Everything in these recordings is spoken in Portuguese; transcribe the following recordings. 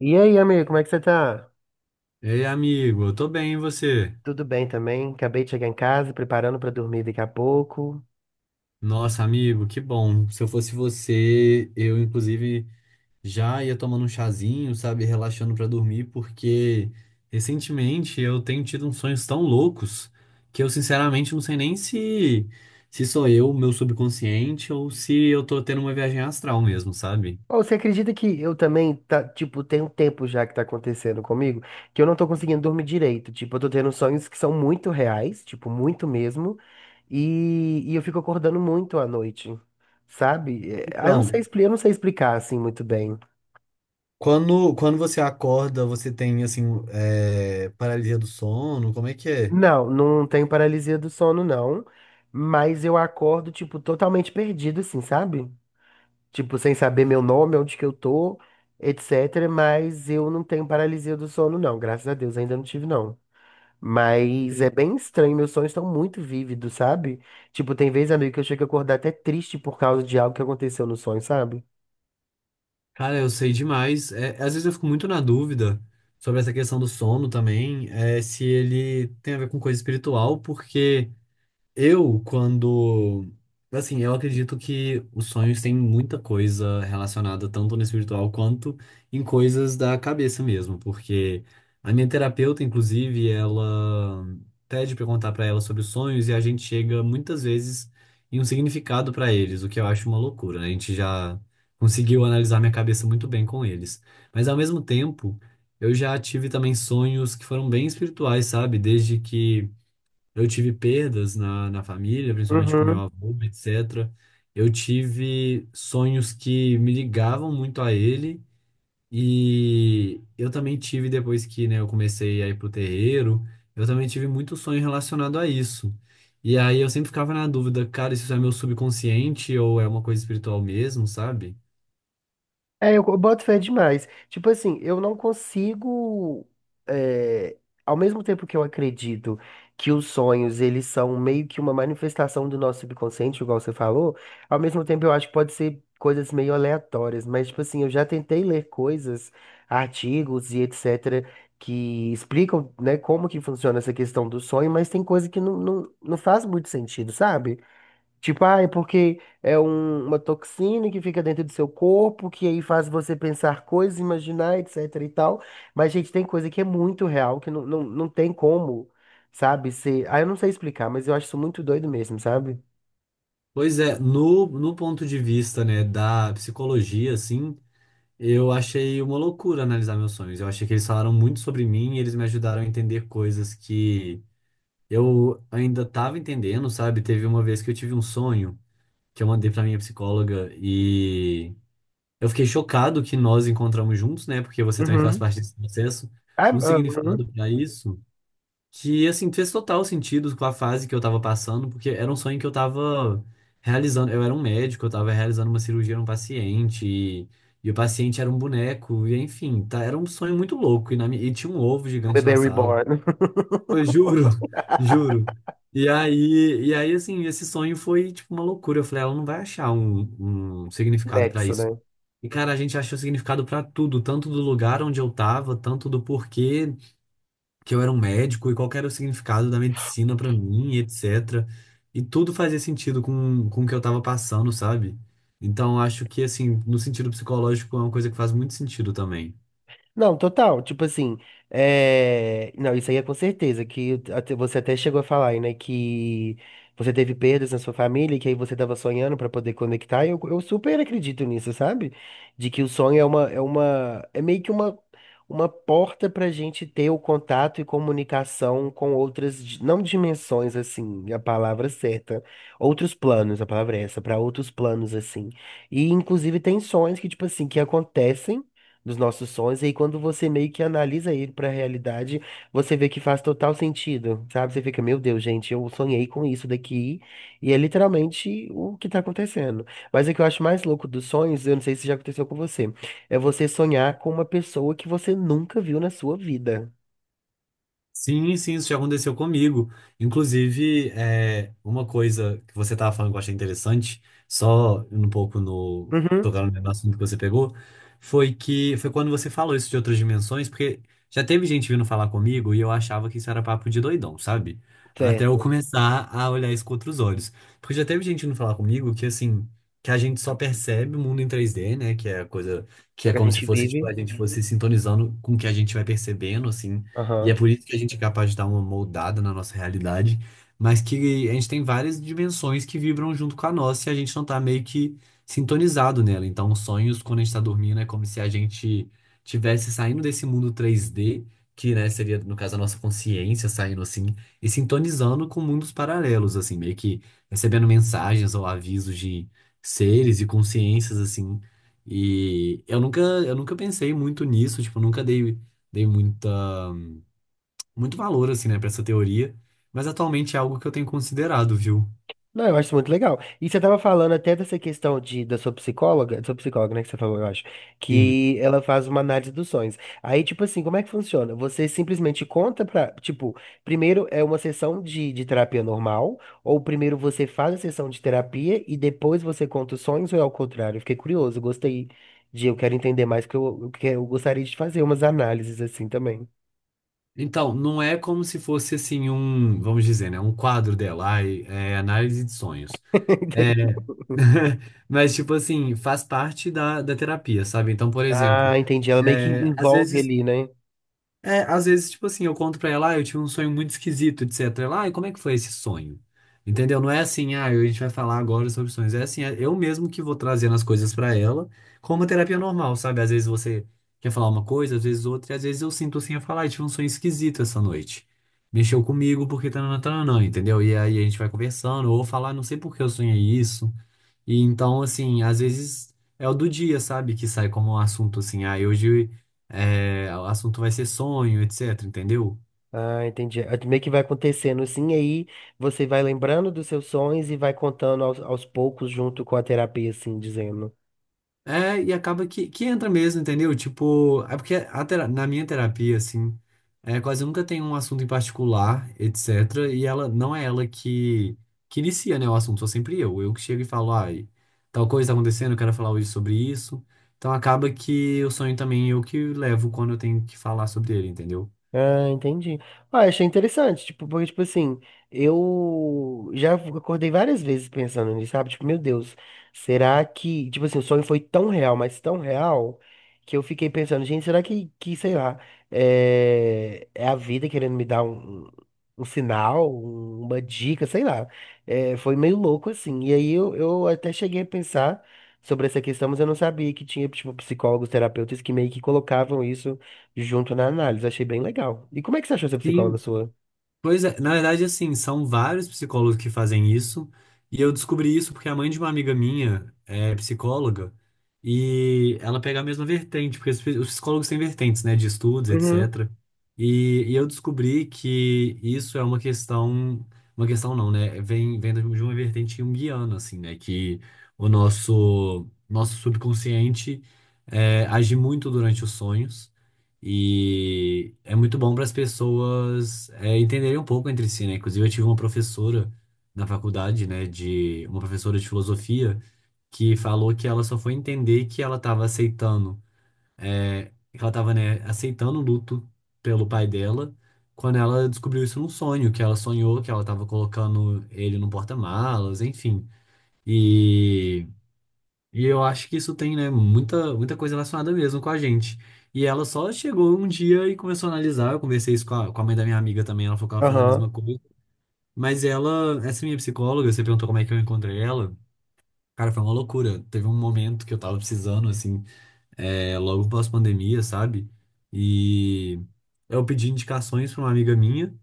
E aí, amigo, como é que você tá? Ei, amigo, eu tô bem, e você? Tudo bem também? Acabei de chegar em casa, preparando pra dormir daqui a pouco. Nossa, amigo, que bom. Se eu fosse você, eu inclusive já ia tomando um chazinho, sabe, relaxando pra dormir, porque recentemente eu tenho tido uns sonhos tão loucos que eu sinceramente não sei nem se sou eu, meu subconsciente, ou se eu tô tendo uma viagem astral mesmo, sabe? Ou você acredita que eu também, tá, tipo, tem um tempo já que tá acontecendo comigo, que eu não tô conseguindo dormir direito. Tipo, eu tô tendo sonhos que são muito reais, tipo, muito mesmo, e eu fico acordando muito à noite, sabe? Eu não sei, Então, eu não sei explicar, assim, muito bem. quando você acorda, você tem assim, paralisia do sono, como é que é? Não, não tenho paralisia do sono, não, mas eu acordo, tipo, totalmente perdido, assim, sabe? Tipo, sem saber meu nome, onde que eu tô, etc. Mas eu não tenho paralisia do sono, não. Graças a Deus, ainda não tive, não. Mas é bem estranho, meus sonhos estão muito vívidos, sabe? Tipo, tem vez, amigo, que eu chego a acordar até triste por causa de algo que aconteceu no sonho, sabe? Cara, eu sei demais. É, às vezes eu fico muito na dúvida sobre essa questão do sono também, é, se ele tem a ver com coisa espiritual. Porque. Eu, quando. Assim, eu acredito que os sonhos têm muita coisa relacionada tanto no espiritual quanto em coisas da cabeça mesmo, porque a minha terapeuta, inclusive, ela pede pra eu contar pra ela sobre os sonhos e a gente chega muitas vezes em um significado pra eles, o que eu acho uma loucura, né? A gente já conseguiu analisar minha cabeça muito bem com eles. Mas ao mesmo tempo, eu já tive também sonhos que foram bem espirituais, sabe? Desde que. Eu tive perdas na família, principalmente com meu Uhum. avô, etc. Eu tive sonhos que me ligavam muito a ele e eu também tive, depois que, né, eu comecei a ir pro terreiro, eu também tive muito sonho relacionado a isso. E aí eu sempre ficava na dúvida, cara, isso é meu subconsciente ou é uma coisa espiritual mesmo, sabe? Boto fé demais. Tipo assim, eu não consigo. é, Ao mesmo tempo que eu acredito que os sonhos, eles são meio que uma manifestação do nosso subconsciente, igual você falou, ao mesmo tempo eu acho que pode ser coisas meio aleatórias. Mas, tipo assim, eu já tentei ler coisas, artigos e etc., que explicam, né, como que funciona essa questão do sonho, mas tem coisa que não faz muito sentido, sabe? Tipo, ah, é porque é uma toxina que fica dentro do seu corpo, que aí faz você pensar coisas, imaginar, etc e tal. Mas, gente, tem coisa que é muito real, que não tem como, sabe? Ser... Ah, eu não sei explicar, mas eu acho isso muito doido mesmo, sabe? Pois é, no ponto de vista, né, da psicologia, assim, eu achei uma loucura analisar meus sonhos. Eu achei que eles falaram muito sobre mim e eles me ajudaram a entender coisas que eu ainda estava entendendo, sabe? Teve uma vez que eu tive um sonho que eu mandei para minha psicóloga e eu fiquei chocado que nós encontramos juntos, né? Porque você também faz Uhum. parte desse processo. Ah, Um significado uhum. para isso. Que, assim, fez total sentido com a fase que eu tava passando, porque era um sonho que eu tava realizando. Eu era um médico, eu tava realizando uma cirurgia num paciente, e o paciente era um boneco, e enfim, tá, era um sonho muito louco. E, e tinha um ovo gigante Bebê na sala. reborn. Eu juro, juro. E aí, assim, esse sonho foi, tipo, uma loucura. Eu falei, ela não vai achar um significado pra Nexo, isso. né? E, cara, a gente achou significado pra tudo, tanto do lugar onde eu tava, tanto do porquê que eu era um médico e qual que era o significado da medicina pra mim, etc. E tudo fazia sentido com o que eu tava passando, sabe? Então acho que, assim, no sentido psicológico é uma coisa que faz muito sentido também. Não, total. Tipo assim, não, isso aí é com certeza, você até chegou a falar, aí, né, que você teve perdas na sua família, e que aí você tava sonhando pra poder conectar, e eu super acredito nisso, sabe? De que o sonho é uma, é uma, é meio que uma porta pra gente ter o contato e comunicação com outras, não dimensões, assim, é a palavra certa, outros planos, a palavra é essa, pra outros planos, assim. E inclusive tem sonhos que, tipo assim, que acontecem dos nossos sonhos. E aí, quando você meio que analisa ele pra realidade, você vê que faz total sentido, sabe? Você fica, meu Deus, gente, eu sonhei com isso daqui. E é literalmente o que tá acontecendo. Mas o que eu acho mais louco dos sonhos, eu não sei se já aconteceu com você, é você sonhar com uma pessoa que você nunca viu na sua vida. Sim, sim, isso já aconteceu comigo. Inclusive, é, uma coisa que você estava falando que eu achei interessante, só um pouco Uhum, tocando no assunto que você pegou, foi que foi quando você falou isso de outras dimensões, porque já teve gente vindo falar comigo e eu achava que isso era papo de doidão, sabe? Até eu certo. começar a olhar isso com outros olhos. Porque já teve gente vindo falar comigo que, assim, que a gente só percebe o mundo em 3D, né? Que é a coisa Que que é o é que a como se gente fosse, vive. tipo, a gente fosse sintonizando com o que a gente vai percebendo, assim. E é Aham. por isso que a gente é capaz de dar uma moldada na nossa realidade, mas que a gente tem várias dimensões que vibram junto com a nossa e a gente não tá meio que sintonizado nela. Então, os sonhos, quando a gente tá dormindo, é como se a gente tivesse saindo desse mundo 3D, que, né, seria, no caso, a nossa consciência saindo assim, e sintonizando com mundos paralelos, assim, meio que recebendo mensagens ou avisos de seres e consciências, assim. E eu nunca pensei muito nisso, tipo, eu nunca dei, dei muita muito valor, assim, né, pra essa teoria, mas atualmente é algo que eu tenho considerado, viu? Não, eu acho muito legal. E você estava falando até dessa questão de, da sua psicóloga, né, que você falou, eu acho, Sim. que ela faz uma análise dos sonhos. Aí, tipo assim, como é que funciona? Você simplesmente conta pra, tipo, primeiro é uma sessão de terapia normal, ou primeiro você faz a sessão de terapia e depois você conta os sonhos, ou é ao contrário? Eu fiquei curioso, gostei de, eu quero entender mais, porque eu gostaria de fazer umas análises assim também. Então, não é como se fosse, assim, um, vamos dizer, né, um quadro dela, ai, é, análise de sonhos. Entendi. É, mas, tipo assim, faz parte da terapia, sabe? Então, por exemplo, Ah, entendi. Ela meio que é, às envolve vezes ali, né? é, às vezes, tipo assim, eu conto pra ela, ah, eu tive um sonho muito esquisito, etc. Ela, ah, e como é que foi esse sonho? Entendeu? Não é assim, ah, a gente vai falar agora sobre sonhos. É assim, é eu mesmo que vou trazendo as coisas pra ela, como uma terapia normal, sabe? Às vezes você quer falar uma coisa, às vezes outra, e às vezes eu sinto assim, eu falo, ah, eu tive um sonho esquisito essa noite. Mexeu comigo porque tá tananã, entendeu? E aí a gente vai conversando, ou falar, "Ah, não sei por que eu sonhei isso." E então, assim, às vezes é o do dia, sabe? Que sai como um assunto assim, ah, hoje é, o assunto vai ser sonho, etc, entendeu? Ah, entendi. Ah, meio que vai acontecendo assim, aí você vai lembrando dos seus sonhos e vai contando aos poucos junto com a terapia, assim, dizendo. É, e acaba que entra mesmo, entendeu? Tipo, é porque na minha terapia, assim, é, quase nunca tem um assunto em particular, etc. E ela não é ela que inicia, né, o assunto, sou sempre eu. Eu que chego e falo, ai, tal coisa tá acontecendo, eu quero falar hoje sobre isso. Então acaba que o sonho também é eu que levo quando eu tenho que falar sobre ele, entendeu? Ah, entendi. Ah, achei interessante, tipo, porque, tipo assim, eu já acordei várias vezes pensando nisso, sabe? Tipo, meu Deus, será que, tipo assim, o sonho foi tão real, mas tão real, que eu fiquei pensando, gente, será que sei lá, é a vida querendo me dar um, um sinal, uma dica, sei lá. É, foi meio louco, assim. E aí eu até cheguei a pensar sobre essa questão, mas eu não sabia que tinha, tipo, psicólogos, terapeutas que meio que colocavam isso junto na análise. Achei bem legal. E como é que você achou essa psicóloga Sim. sua? Pois é, na verdade, assim, são vários psicólogos que fazem isso, e eu descobri isso porque a mãe de uma amiga minha é psicóloga, e ela pega a mesma vertente, porque os psicólogos têm vertentes, né, de estudos, Uhum. etc. E, e eu descobri que isso é uma questão não, né, vem de uma vertente junguiana, assim, né, que o nosso, nosso subconsciente é, age muito durante os sonhos, e é muito bom para as pessoas é, entenderem um pouco entre si, né? Inclusive, eu tive uma professora na faculdade, né, de uma professora de filosofia, que falou que ela só foi entender que ela estava aceitando, é, que ela estava, né, aceitando o luto pelo pai dela, quando ela descobriu isso num sonho, que ela sonhou que ela estava colocando ele no porta-malas, enfim. E e eu acho que isso tem, né, muita, muita coisa relacionada mesmo com a gente. E ela só chegou um dia e começou a analisar. Eu conversei isso com com a mãe da minha amiga também, ela falou que ela faz a Aham. mesma coisa. Mas ela, essa minha psicóloga, você perguntou como é que eu encontrei ela. Cara, foi uma loucura. Teve um momento que eu tava precisando, assim, é, logo pós-pandemia, sabe? E eu pedi indicações pra uma amiga minha.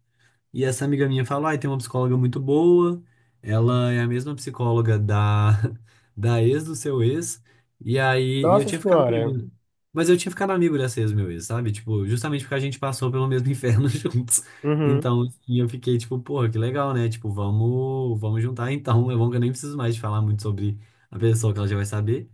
E essa amiga minha falou, ai, tem uma psicóloga muito boa, ela é a mesma psicóloga da, da ex do seu ex, e aí e eu Nossa tinha ficado amigo, senhora. né? Mas eu tinha ficado amigo dessa ex meu ex, sabe? Tipo, justamente porque a gente passou pelo mesmo inferno juntos. Uhum. Então, assim, eu fiquei tipo, porra, que legal, né? Tipo, vamos juntar então. É bom que eu nem preciso mais de falar muito sobre a pessoa que ela já vai saber.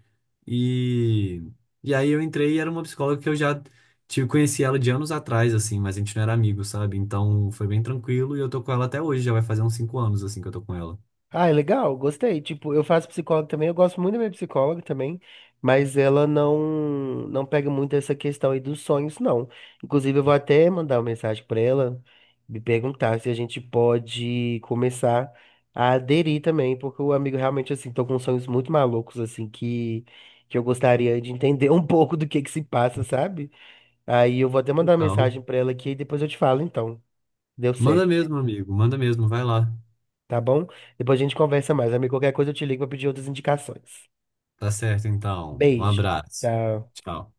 E, e aí eu entrei e era uma psicóloga que eu já. Tipo, conheci ela de anos atrás, assim, mas a gente não era amigo, sabe? Então foi bem tranquilo e eu tô com ela até hoje, já vai fazer uns 5 anos, assim, que eu tô com ela. Ah, é legal, gostei. Tipo, eu faço psicóloga também, eu gosto muito da minha psicóloga também, mas ela não pega muito essa questão aí dos sonhos, não. Inclusive, eu vou até mandar uma mensagem pra ela, me perguntar se a gente pode começar a aderir também, porque o amigo realmente, assim, tô com sonhos muito malucos, assim, que eu gostaria de entender um pouco do que se passa, sabe? Aí eu vou até mandar uma Total. mensagem pra ela aqui e depois eu te falo, então. Deu Manda certo, mesmo, amigo, manda mesmo, vai lá. tá bom? Depois a gente conversa mais, amigo. Qualquer coisa eu te ligo pra pedir outras indicações. Tá certo, então. Um Beijo. abraço. Tchau. Tchau.